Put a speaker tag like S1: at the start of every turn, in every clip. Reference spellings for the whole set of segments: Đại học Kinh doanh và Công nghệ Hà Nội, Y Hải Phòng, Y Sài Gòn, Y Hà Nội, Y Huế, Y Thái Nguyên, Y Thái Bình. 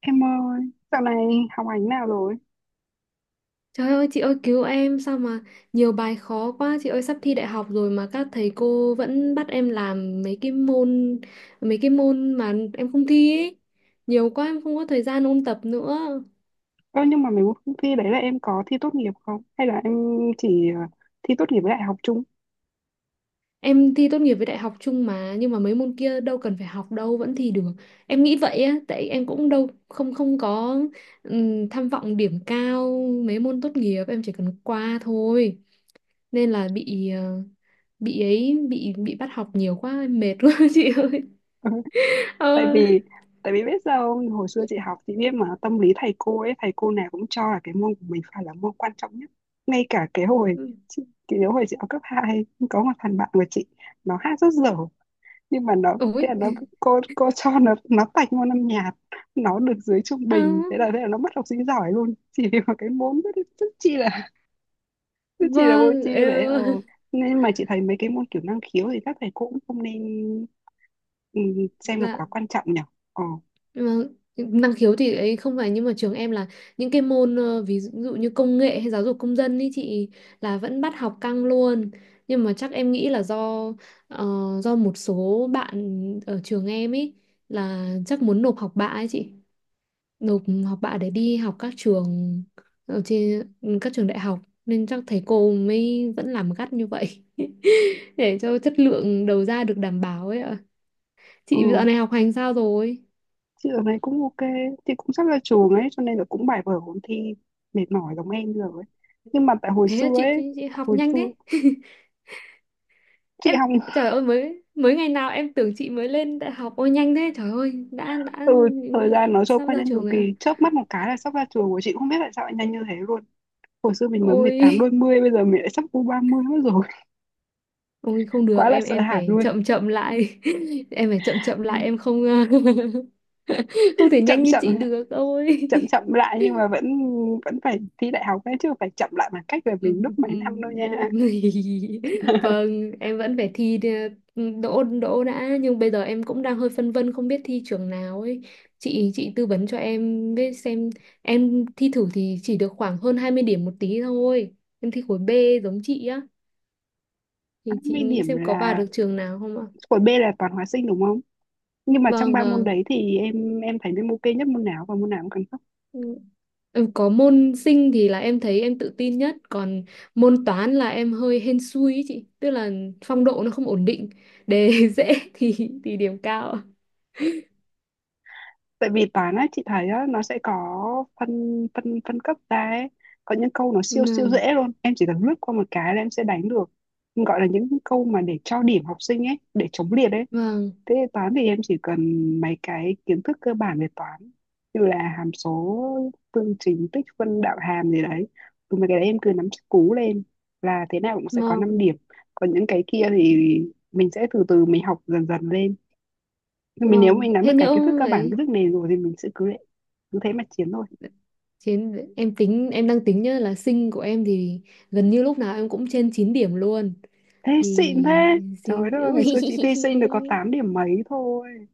S1: Em ơi, dạo này học hành nào rồi?
S2: Trời ơi chị ơi cứu em, sao mà nhiều bài khó quá chị ơi, sắp thi đại học rồi mà các thầy cô vẫn bắt em làm mấy cái môn mà em không thi ấy. Nhiều quá em không có thời gian ôn tập nữa.
S1: Ơ nhưng mà mấy cuộc thi đấy là em có thi tốt nghiệp không? Hay là em chỉ thi tốt nghiệp với đại học chung?
S2: Em thi tốt nghiệp với đại học chung mà, nhưng mà mấy môn kia đâu cần phải học đâu vẫn thi được. Em nghĩ vậy á, tại em cũng đâu không không có tham vọng điểm cao, mấy môn tốt nghiệp em chỉ cần qua thôi. Nên là bị ờ, bị ấy bị bắt học nhiều quá, em mệt quá chị ơi.
S1: Ừ, tại
S2: Ờ.
S1: vì tại vì biết sao không? Hồi xưa chị học chị biết mà tâm lý thầy cô ấy, thầy cô nào cũng cho là cái môn của mình phải là môn quan trọng nhất. Ngay cả cái hồi chị, chị nhớ hồi chị học cấp 2 có một thằng bạn của chị nó hát rất dở nhưng mà nó thế là
S2: Ôi.
S1: nó cô cho nó tạch môn âm nhạc, nó được dưới trung
S2: Ờ.
S1: bình, thế là nó mất học sinh giỏi luôn chỉ vì một cái môn rất rất chi là. Chứ chị là vô
S2: Vâng.
S1: tri
S2: Ờ.
S1: đấy. Ờ nên mà chị thấy mấy cái môn kiểu năng khiếu thì các thầy cô cũng không nên, ừ, xem là
S2: Dạ.
S1: quá quan trọng nhỉ. Ờ,
S2: Vâng. Năng khiếu thì ấy không phải, nhưng mà trường em là những cái môn ví dụ như công nghệ hay giáo dục công dân ý chị, là vẫn bắt học căng luôn. Nhưng mà chắc em nghĩ là ờ, do một số bạn ở trường em ý là chắc muốn nộp học bạ ấy chị. Nộp học bạ để đi học các trường, ở trên, các trường đại học, nên chắc thầy cô mới vẫn làm gắt như vậy để cho chất lượng đầu ra được đảm bảo ấy ạ. Chị dạo
S1: ừ,
S2: này học hành sao rồi?
S1: chị ở đây cũng ok, chị cũng sắp ra trường ấy cho nên là cũng bài vở ôn thi mệt mỏi giống em rồi ấy. Nhưng mà tại hồi
S2: Thế là
S1: xưa
S2: chị,
S1: ấy,
S2: chị chị học
S1: hồi
S2: nhanh
S1: xưa
S2: thế.
S1: chị
S2: Em,
S1: học.
S2: trời ơi, mới mới ngày nào em tưởng chị mới lên đại học, ôi nhanh thế trời ơi, đã
S1: Ừ, thời gian nó trôi
S2: sắp
S1: qua
S2: ra
S1: nhanh
S2: trường
S1: cực
S2: rồi ạ.
S1: kỳ, chớp mắt một cái là sắp ra trường của chị, không biết tại sao lại nhanh như thế luôn. Hồi xưa mình mới mười
S2: Ôi.
S1: tám đôi mươi, bây giờ mình lại sắp u 30 mất rồi.
S2: Ôi không
S1: Quá
S2: được,
S1: là
S2: em
S1: sợ
S2: em
S1: hãi
S2: phải
S1: luôn.
S2: chậm chậm lại em phải chậm chậm lại, em không không thể
S1: chậm
S2: nhanh như chị
S1: chậm
S2: được ôi.
S1: chậm chậm lại nhưng mà vẫn, vẫn phải thi đại học ấy chứ, phải chậm lại bằng cách về mình lúc mấy năm đâu nha.
S2: Vâng, em vẫn phải thi đỗ đỗ đã, nhưng bây giờ em cũng đang hơi phân vân, không biết thi trường nào ấy. Chị tư vấn cho em biết xem, em thi thử thì chỉ được khoảng hơn 20 điểm một tí thôi, em thi khối B giống chị á, thì chị
S1: 80
S2: nghĩ
S1: điểm
S2: xem có vào
S1: là,
S2: được trường nào không ạ?
S1: khối B là toàn hóa sinh đúng không, nhưng mà trong
S2: Vâng,
S1: ba môn
S2: vâng.
S1: đấy thì em thấy em ok nhất môn nào và môn nào cũng cần cấp.
S2: Ừ, có môn sinh thì là em thấy em tự tin nhất, còn môn toán là em hơi hên xui ý chị, tức là phong độ nó không ổn định, đề dễ thì điểm cao.
S1: Tại vì toán á, chị thấy á nó sẽ có phân phân phân cấp ra ấy, có những câu nó siêu siêu
S2: Vâng,
S1: dễ luôn, em chỉ cần lướt qua một cái là em sẽ đánh được, gọi là những câu mà để cho điểm học sinh ấy, để chống liệt ấy.
S2: vâng,
S1: Thế toán thì em chỉ cần mấy cái kiến thức cơ bản về toán, như là hàm số, phương trình, tích phân, đạo hàm gì đấy. Ừ, mấy cái đấy em cứ nắm chắc cú lên là thế nào cũng sẽ có 5
S2: vâng,
S1: điểm. Còn những cái kia thì mình sẽ từ từ mình học dần dần lên. Nhưng mình nếu
S2: vâng.
S1: mình nắm
S2: Thế
S1: được cái kiến thức
S2: nhỡ
S1: cơ bản, kiến
S2: ấy,
S1: thức nền rồi thì mình sẽ cứ thế mà chiến thôi.
S2: chiến, em tính, em đang tính nhá, là sinh của em thì gần như lúc nào em cũng trên 9 điểm luôn
S1: Thế xịn
S2: thì
S1: thế. Trời
S2: xin
S1: đất ơi, ngày xưa chị thi sinh được có 8 điểm mấy thôi.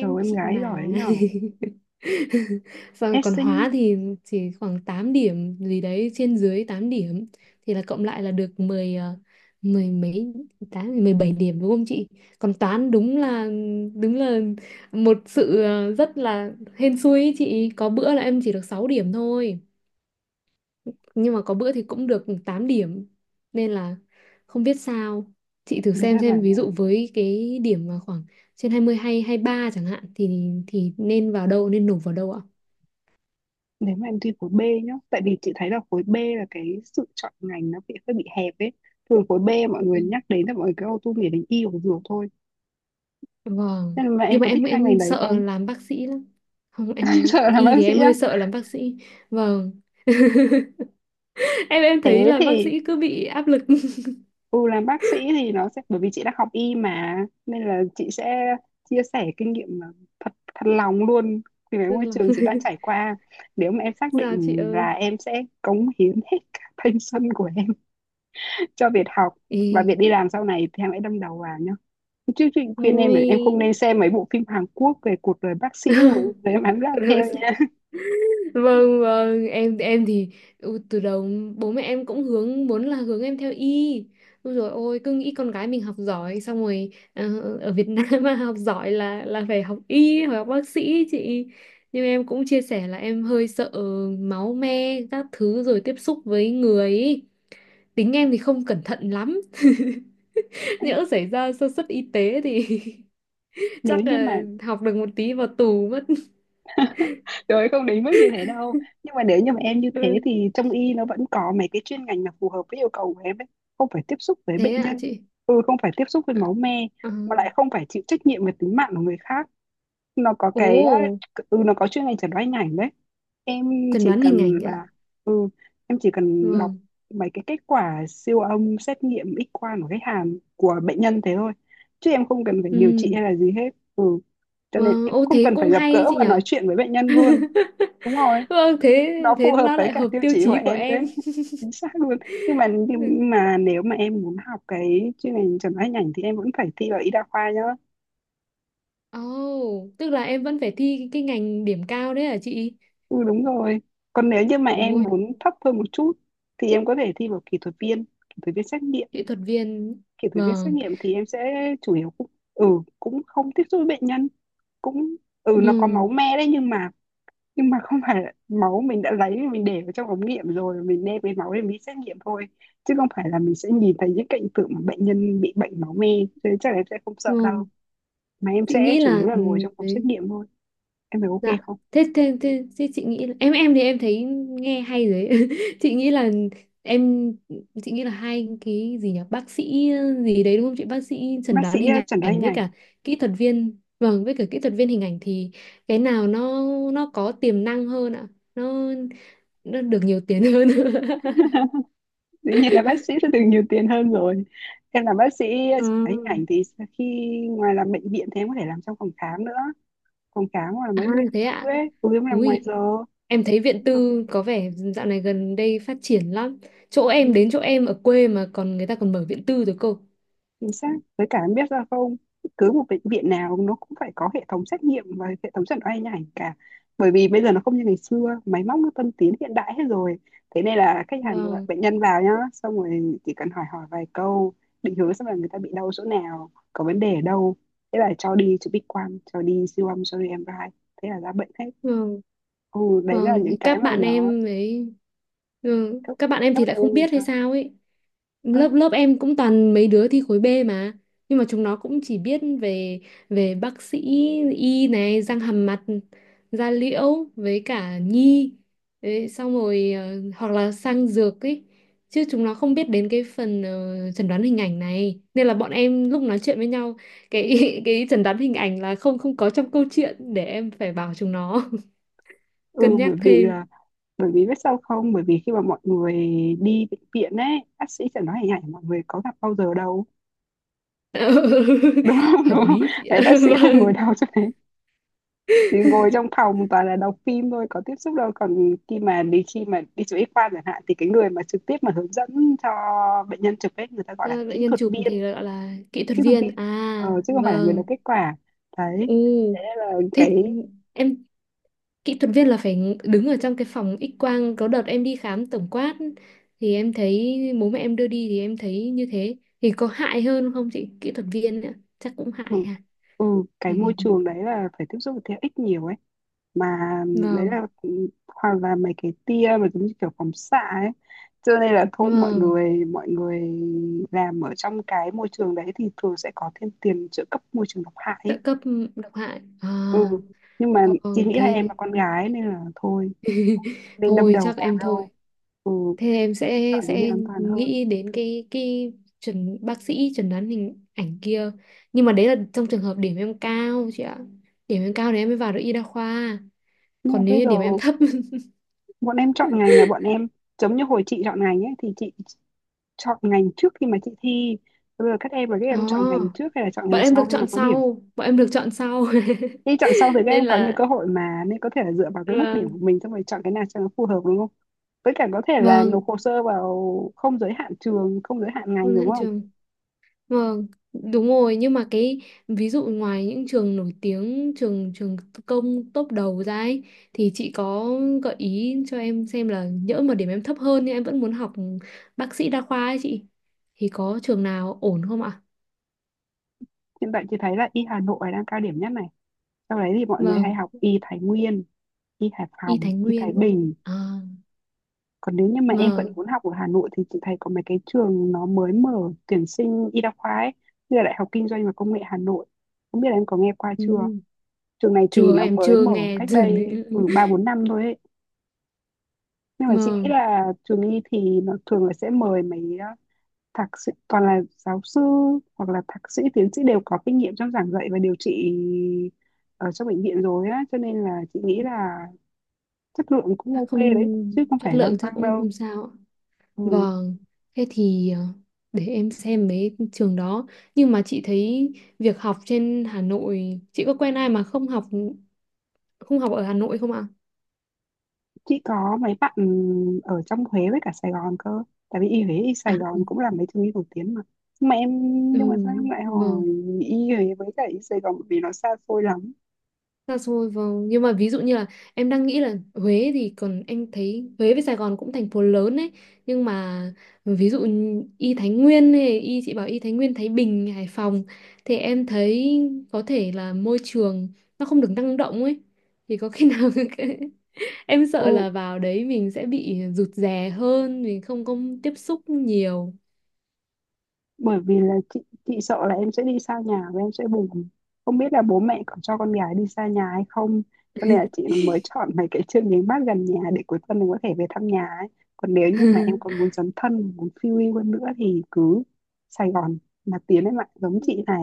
S1: Trời ơi, em
S2: chị
S1: gái giỏi đấy
S2: mà.
S1: nhở.
S2: Xong
S1: Ép
S2: còn
S1: sinh,
S2: hóa thì chỉ khoảng 8 điểm gì đấy, trên dưới 8 điểm, thì là cộng lại là được 10 mười mấy, tám, 17 điểm đúng không chị? Còn toán đúng là một sự rất là hên xui ý chị, có bữa là em chỉ được 6 điểm thôi, nhưng mà có bữa thì cũng được 8 điểm, nên là không biết sao. Chị thử
S1: người
S2: xem
S1: ta
S2: xem
S1: bảo
S2: ví
S1: là,
S2: dụ với cái điểm mà khoảng trên 20 hay 23 chẳng hạn thì nên vào đâu, nên nộp vào đâu ạ?
S1: nếu mà em thi khối B nhá, tại vì chị thấy là khối B là cái sự chọn ngành nó bị hơi bị hẹp ấy, thường khối B mọi người
S2: Ừ.
S1: nhắc đến là mọi người cứ auto nghĩ đến y hoặc dược thôi,
S2: Vâng,
S1: nên là em
S2: nhưng mà
S1: có thích
S2: em
S1: hai ngành
S2: em
S1: đấy
S2: sợ
S1: không?
S2: làm bác sĩ lắm, không em,
S1: Sợ làm bác
S2: y thì
S1: sĩ
S2: em
S1: á?
S2: hơi sợ làm bác sĩ. Vâng. Em thấy
S1: Thế
S2: là bác
S1: thì,
S2: sĩ cứ bị áp lực
S1: ừ, làm bác sĩ thì nó sẽ, bởi vì chị đã học y mà, nên là chị sẽ chia sẻ kinh nghiệm mà, thật thật lòng luôn, vì cái
S2: nên
S1: môi
S2: là
S1: trường chị đang trải qua. Nếu mà em xác
S2: sao chị
S1: định
S2: ơi.
S1: là em sẽ cống hiến hết cả thanh xuân của em cho việc học
S2: Ê,
S1: và việc đi làm sau này thì em hãy đâm đầu vào nhá. Chứ chị khuyên em là
S2: ôi.
S1: em không nên xem mấy bộ phim Hàn Quốc về cuộc đời bác sĩ rồi rồi em bám đạo
S2: Rồi bác
S1: theo
S2: sĩ,
S1: nha.
S2: vâng vâng, em thì ừ, từ đầu bố mẹ em cũng hướng muốn là hướng em theo y. Ôi rồi ôi, cứ nghĩ con gái mình học giỏi xong rồi ở Việt Nam mà học giỏi là phải học y hoặc học bác sĩ ấy chị. Nhưng em cũng chia sẻ là em hơi sợ máu me các thứ, rồi tiếp xúc với người ấy. Tính em thì không cẩn thận lắm
S1: Ê,
S2: nhỡ xảy ra sơ suất y tế thì
S1: nếu
S2: chắc
S1: như
S2: là
S1: mà,
S2: học được một tí vào tù mất.
S1: rồi không đến mức như thế đâu. Nhưng mà nếu như mà em như thế
S2: Ừ.
S1: thì trong y nó vẫn có mấy cái chuyên ngành mà phù hợp với yêu cầu của em ấy. Không phải tiếp xúc với bệnh
S2: Thế ạ
S1: nhân,
S2: chị.
S1: ừ, không phải tiếp xúc với máu me,
S2: Ờ.
S1: mà lại không phải chịu trách nhiệm về tính mạng của người khác. Nó có
S2: Ồ.
S1: cái, nó có chuyên ngành chẩn đoán hình ảnh đấy. Em
S2: Chẩn
S1: chỉ
S2: đoán hình
S1: cần
S2: ảnh ạ.
S1: là, ừ, em chỉ cần đọc
S2: Vâng.
S1: mấy cái kết quả siêu âm, xét nghiệm, X quang của khách hàng, của bệnh nhân thế thôi, chứ em không cần phải điều trị
S2: Ừm.
S1: hay là gì hết. Ừ, cho nên
S2: Vâng,
S1: em cũng
S2: ô
S1: không
S2: thế
S1: cần phải
S2: cũng
S1: gặp
S2: hay
S1: gỡ
S2: chị
S1: và nói
S2: nhở.
S1: chuyện với bệnh nhân luôn. Đúng rồi,
S2: Vâng, thế
S1: nó
S2: thế
S1: phù hợp
S2: nó
S1: với
S2: lại
S1: cả
S2: hợp
S1: tiêu
S2: tiêu
S1: chí của
S2: chí của
S1: em
S2: em.
S1: đấy. Chính xác luôn. Nhưng mà nếu mà em muốn học cái chuyên ngành chẩn đoán hình ảnh thì em vẫn phải thi vào y đa khoa nhá.
S2: Ồ, tức là em vẫn phải thi cái ngành điểm cao đấy hả chị?
S1: Ừ đúng rồi. Còn nếu như mà
S2: Ôi,
S1: em muốn thấp hơn một chút thì em có thể thi vào kỹ thuật viên xét nghiệm.
S2: kỹ thuật viên.
S1: Kỹ thuật viên xét
S2: Vâng.
S1: nghiệm thì em sẽ chủ yếu cũng, ừ, cũng không tiếp xúc với bệnh nhân, cũng, ừ,
S2: Ừ,
S1: nó có máu me đấy, nhưng mà, nhưng mà không phải là máu, mình đã lấy mình để vào trong ống nghiệm rồi mình đem cái máu để mình xét nghiệm thôi, chứ không phải là mình sẽ nhìn thấy những cảnh tượng mà bệnh nhân bị bệnh máu me, cho nên chắc là em sẽ không sợ đâu,
S2: vâng.
S1: mà em
S2: Chị
S1: sẽ
S2: nghĩ
S1: chủ
S2: là
S1: yếu là
S2: ừ,
S1: ngồi trong phòng xét
S2: đấy.
S1: nghiệm thôi. Em thấy ok
S2: Dạ.
S1: không?
S2: Thế, chị nghĩ là, em thì em thấy nghe hay rồi ấy. Chị nghĩ là em chị nghĩ là hai cái gì nhỉ, bác sĩ gì đấy đúng không chị, bác sĩ chẩn
S1: Bác
S2: đoán
S1: sĩ,
S2: hình
S1: chẩn đoán
S2: ảnh
S1: hình
S2: với
S1: ảnh.
S2: cả kỹ thuật viên, vâng, với cả kỹ thuật viên hình ảnh thì cái nào nó có tiềm năng hơn ạ, nó nó được nhiều tiền hơn.
S1: Dĩ nhiên là bác sĩ sẽ được nhiều tiền hơn rồi. Em làm bác sĩ
S2: Ờ.
S1: chụp máy hình ảnh thì khi ngoài làm bệnh viện thì em có thể làm trong phòng khám nữa, phòng khám hoặc là
S2: À,
S1: mấy bệnh
S2: thế
S1: tư
S2: ạ.
S1: ấy cũng làm ngoài
S2: Ui,
S1: giờ.
S2: em thấy viện tư có vẻ dạo này gần đây phát triển lắm, chỗ em đến chỗ em ở quê mà còn, người ta còn mở viện tư rồi cơ.
S1: Chính xác, với cả em biết ra không, cứ một bệnh viện nào nó cũng phải có hệ thống xét nghiệm và hệ thống chẩn đoán hình ảnh cả, bởi vì bây giờ nó không như ngày xưa, máy móc nó tân tiến hiện đại hết rồi. Thế nên là khách hàng, gọi
S2: Vâng,
S1: bệnh nhân vào nhá, xong rồi chỉ cần hỏi hỏi vài câu, định hướng xem là người ta bị đau chỗ nào, có vấn đề ở đâu, thế là cho đi chụp X quang, cho đi siêu âm, cho đi MRI, thế là ra bệnh hết.
S2: vâng,
S1: Ừ đấy là
S2: vâng,
S1: những cái
S2: các
S1: mà
S2: bạn
S1: nó,
S2: em ấy, ừ,
S1: các
S2: các bạn em
S1: các
S2: thì
S1: bạn
S2: lại
S1: em
S2: không
S1: làm
S2: biết hay
S1: sao.
S2: sao ấy,
S1: Ừ,
S2: lớp lớp em cũng toàn mấy đứa thi khối B mà, nhưng mà chúng nó cũng chỉ biết về về bác sĩ y này, răng hàm mặt, da liễu với cả nhi. Đấy, xong rồi hoặc là sang dược ấy, chứ chúng nó không biết đến cái phần chẩn đoán hình ảnh này, nên là bọn em lúc nói chuyện với nhau cái cái chẩn đoán hình ảnh là không không có trong câu chuyện, để em phải bảo chúng nó
S1: ừ,
S2: cân nhắc
S1: bởi vì
S2: thêm.
S1: là, bởi vì biết sao không, bởi vì khi mà mọi người đi bệnh viện ấy, bác sĩ chẳng nói hình ảnh mọi người có gặp bao giờ đâu, đúng không?
S2: Hợp
S1: Đúng không?
S2: lý chị ạ.
S1: Đấy, bác sĩ mà ngồi đâu cho đấy, thì ngồi
S2: Vâng.
S1: trong phòng toàn là đọc phim thôi, có tiếp xúc đâu. Còn khi mà đi, khi mà đi chụp X-quang chẳng hạn thì cái người mà trực tiếp mà hướng dẫn cho bệnh nhân chụp ấy, người ta gọi là
S2: À,
S1: kỹ
S2: bệnh nhân
S1: thuật
S2: chụp
S1: viên,
S2: thì gọi là kỹ thuật
S1: kỹ thuật viên,
S2: viên à,
S1: chứ không phải là người đọc kết
S2: vâng.
S1: quả. Đấy,
S2: U,
S1: thế nên là
S2: thế
S1: cái,
S2: em, kỹ thuật viên là phải đứng ở trong cái phòng X quang, có đợt em đi khám tổng quát thì em thấy bố mẹ em đưa đi thì em thấy như thế, thì có hại hơn không chị, kỹ thuật viên nữa chắc cũng hại
S1: ừ,
S2: ha.
S1: ừ, cái
S2: Vì-
S1: môi
S2: vì- vì-
S1: trường đấy là phải tiếp xúc với thế ích nhiều ấy, mà đấy
S2: vâng,
S1: là hoặc là mấy cái tia mà giống như kiểu phóng xạ ấy. Cho nên là thôi, mọi
S2: vâng,
S1: người mọi người làm ở trong cái môi trường đấy thì thường sẽ có thêm tiền trợ cấp môi trường độc hại
S2: trợ
S1: ấy.
S2: cấp độc hại
S1: Ừ,
S2: à,
S1: nhưng mà chị
S2: vâng
S1: nghĩ là em
S2: thế
S1: là con gái nên là thôi, nên đâm
S2: thôi
S1: đầu
S2: chắc
S1: vào
S2: em
S1: đâu,
S2: thôi.
S1: ừ,
S2: Thế em sẽ
S1: chọn cái gì
S2: sẽ
S1: an toàn hơn.
S2: nghĩ đến cái chuẩn bác sĩ chẩn đoán hình ảnh kia. Nhưng mà đấy là trong trường hợp điểm em cao chị ạ. Điểm em cao thì em mới vào được y đa khoa.
S1: Nhưng mà
S2: Còn nếu
S1: bây
S2: như
S1: giờ
S2: điểm em thấp.
S1: bọn em giống như hồi chị chọn ngành ấy thì chị chọn ngành trước khi mà chị thi, bây giờ các em là các
S2: Ồ,
S1: em chọn ngành trước hay là chọn
S2: bọn
S1: ngành
S2: em
S1: sau
S2: được
S1: khi mà
S2: chọn
S1: có điểm?
S2: sau, bọn em được chọn sau.
S1: Khi chọn xong thì các
S2: Nên
S1: em có nhiều
S2: là
S1: cơ hội mà, nên có thể là dựa vào cái mức điểm
S2: vâng,
S1: của mình xong rồi chọn cái nào cho nó phù hợp đúng không? Với cả có thể là nộp
S2: vâng,
S1: hồ sơ vào không giới hạn trường, không giới hạn ngành
S2: vâng,
S1: đúng
S2: hẹn
S1: không?
S2: trường. Vâng, đúng rồi, nhưng mà cái ví dụ ngoài những trường nổi tiếng, trường trường công top đầu ra ấy, thì chị có gợi ý cho em xem là nhỡ mà điểm em thấp hơn nhưng em vẫn muốn học bác sĩ đa khoa ấy chị, thì có trường nào ổn không ạ?
S1: Hiện tại chị thấy là Y Hà Nội đang cao điểm nhất này. Sau đấy thì mọi người hay
S2: Vâng,
S1: học Y Thái Nguyên, Y Hải
S2: Y
S1: Phòng,
S2: Thái
S1: Y Thái
S2: Nguyên.
S1: Bình.
S2: À,
S1: Còn nếu như mà em vẫn
S2: vâng.
S1: muốn học ở Hà Nội thì chị thấy có mấy cái trường nó mới mở tuyển sinh y đa khoa ấy, như là Đại học Kinh doanh và Công nghệ Hà Nội. Không biết là em có nghe qua
S2: Ừ.
S1: chưa? Trường này thì
S2: Chưa,
S1: nó
S2: em
S1: mới
S2: chưa
S1: mở
S2: nghe
S1: cách
S2: trường đấy.
S1: đây từ 3 4 năm thôi ấy. Nhưng mà chị nghĩ
S2: Vâng,
S1: là trường y thì nó thường là sẽ mời mấy, thạc sĩ toàn là giáo sư hoặc là thạc sĩ tiến sĩ, đều có kinh nghiệm trong giảng dạy và điều trị ở trong bệnh viện rồi á, cho nên là chị nghĩ là chất lượng cũng
S2: chắc
S1: ok
S2: không,
S1: đấy, chứ không
S2: chất
S1: phải lăng
S2: lượng chắc
S1: tăng
S2: cũng
S1: đâu.
S2: không sao ạ.
S1: Ừ.
S2: Vâng, thế thì để em xem mấy trường đó. Nhưng mà chị thấy việc học trên Hà Nội, chị có quen ai mà không học ở Hà Nội không ạ?
S1: Chị có mấy bạn ở trong Huế với cả Sài Gòn cơ, tại vì y Huế y
S2: À,
S1: Sài Gòn cũng là mấy trường y nổi tiếng mà. Mà em,
S2: ừ,
S1: nhưng mà sao em lại hỏi
S2: vâng,
S1: y Huế với cả y Sài Gòn, bởi vì nó xa xôi lắm.
S2: xa xôi vâng. Nhưng mà ví dụ như là em đang nghĩ là Huế thì còn em thấy Huế với Sài Gòn cũng thành phố lớn ấy. Nhưng mà ví dụ như Y Thái Nguyên hay Y chị bảo Y Thái Nguyên, Thái Bình, Hải Phòng thì em thấy có thể là môi trường nó không được năng động ấy. Thì có khi nào em sợ
S1: Ừ
S2: là vào đấy mình sẽ bị rụt rè hơn, mình không có tiếp xúc nhiều.
S1: bởi vì là chị sợ là em sẽ đi xa nhà và em sẽ buồn, không biết là bố mẹ có cho con gái đi xa nhà hay không, cho nên là chị mới chọn mấy cái chương trình mát gần nhà để cuối tuần mình có thể về thăm nhà ấy. Còn nếu như mà em còn muốn dấn thân muốn phiêu lưu hơn nữa thì cứ Sài Gòn mà Tiến, em ạ, giống chị này,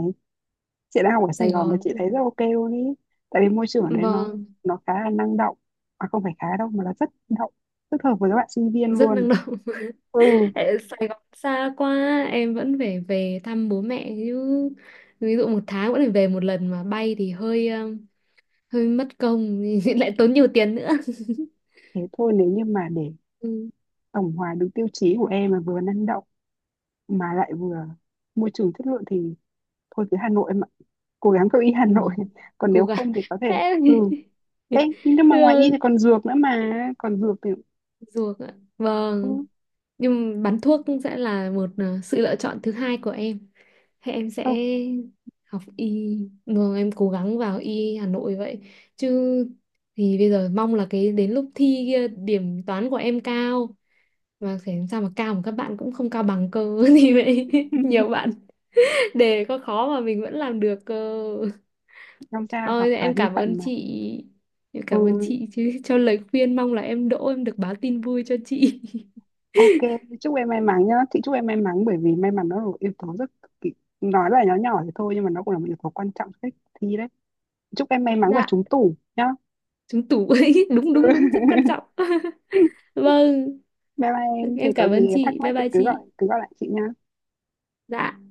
S1: chị đang học ở Sài
S2: Sài
S1: Gòn mà
S2: Gòn,
S1: chị thấy rất ok luôn ý, tại vì môi trường ở đấy nó
S2: vâng,
S1: nó khá là năng động, mà không phải khá đâu, mà là rất động, rất hợp với các bạn sinh viên
S2: rất
S1: luôn.
S2: năng động.
S1: Ừ,
S2: Tại Sài Gòn xa quá, em vẫn phải về thăm bố mẹ chứ. Ví dụ một tháng vẫn phải về một lần mà bay thì hơi hơi mất công, lại tốn nhiều tiền nữa.
S1: thế thôi nếu như mà để
S2: Ừ,
S1: tổng hòa đúng tiêu chí của em, mà vừa năng động mà lại vừa môi trường chất lượng thì thôi cứ Hà Nội em ạ, cố gắng cậu y Hà Nội.
S2: vâng,
S1: Còn
S2: cố
S1: nếu
S2: gắng.
S1: không thì có
S2: Thế
S1: thể,
S2: em-
S1: ừ. Ê, nhưng mà ngoài y thì
S2: Được,
S1: còn dược nữa mà, còn dược thì,
S2: ruột ạ.
S1: ừ,
S2: Vâng. Nhưng bán thuốc sẽ là một sự lựa chọn thứ hai của em. Thế em sẽ
S1: không.
S2: học y, vâng em cố gắng vào y Hà Nội vậy, chứ thì bây giờ mong là cái đến lúc thi kia điểm toán của em cao, mà phải làm sao mà cao mà các bạn cũng không cao bằng cơ thì vậy. Nhiều bạn, đề có khó mà mình vẫn làm được cơ.
S1: Tham gia gặp
S2: Ôi,
S1: thà
S2: em
S1: di
S2: cảm ơn
S1: phận mà.
S2: chị, em cảm ơn
S1: Ừ,
S2: chị chứ cho lời khuyên, mong là em đỗ, em được báo tin vui cho chị.
S1: ok, chúc em may mắn nhá, chị chúc em may mắn, bởi vì may mắn nó là một yếu tố rất cực kỳ, nói là nhỏ nhỏ thì thôi nhưng mà nó cũng là một yếu tố quan trọng cho cách thi đấy. Chúc em may mắn và
S2: Dạ,
S1: trúng tủ nhá.
S2: trúng tủ ấy, đúng đúng đúng, rất quan trọng. Vâng,
S1: Bye bye em, thì
S2: em
S1: có
S2: cảm ơn
S1: gì
S2: chị,
S1: thắc
S2: bye
S1: mắc thì
S2: bye
S1: cứ
S2: chị.
S1: gọi, cứ gọi lại chị nha.
S2: Dạ.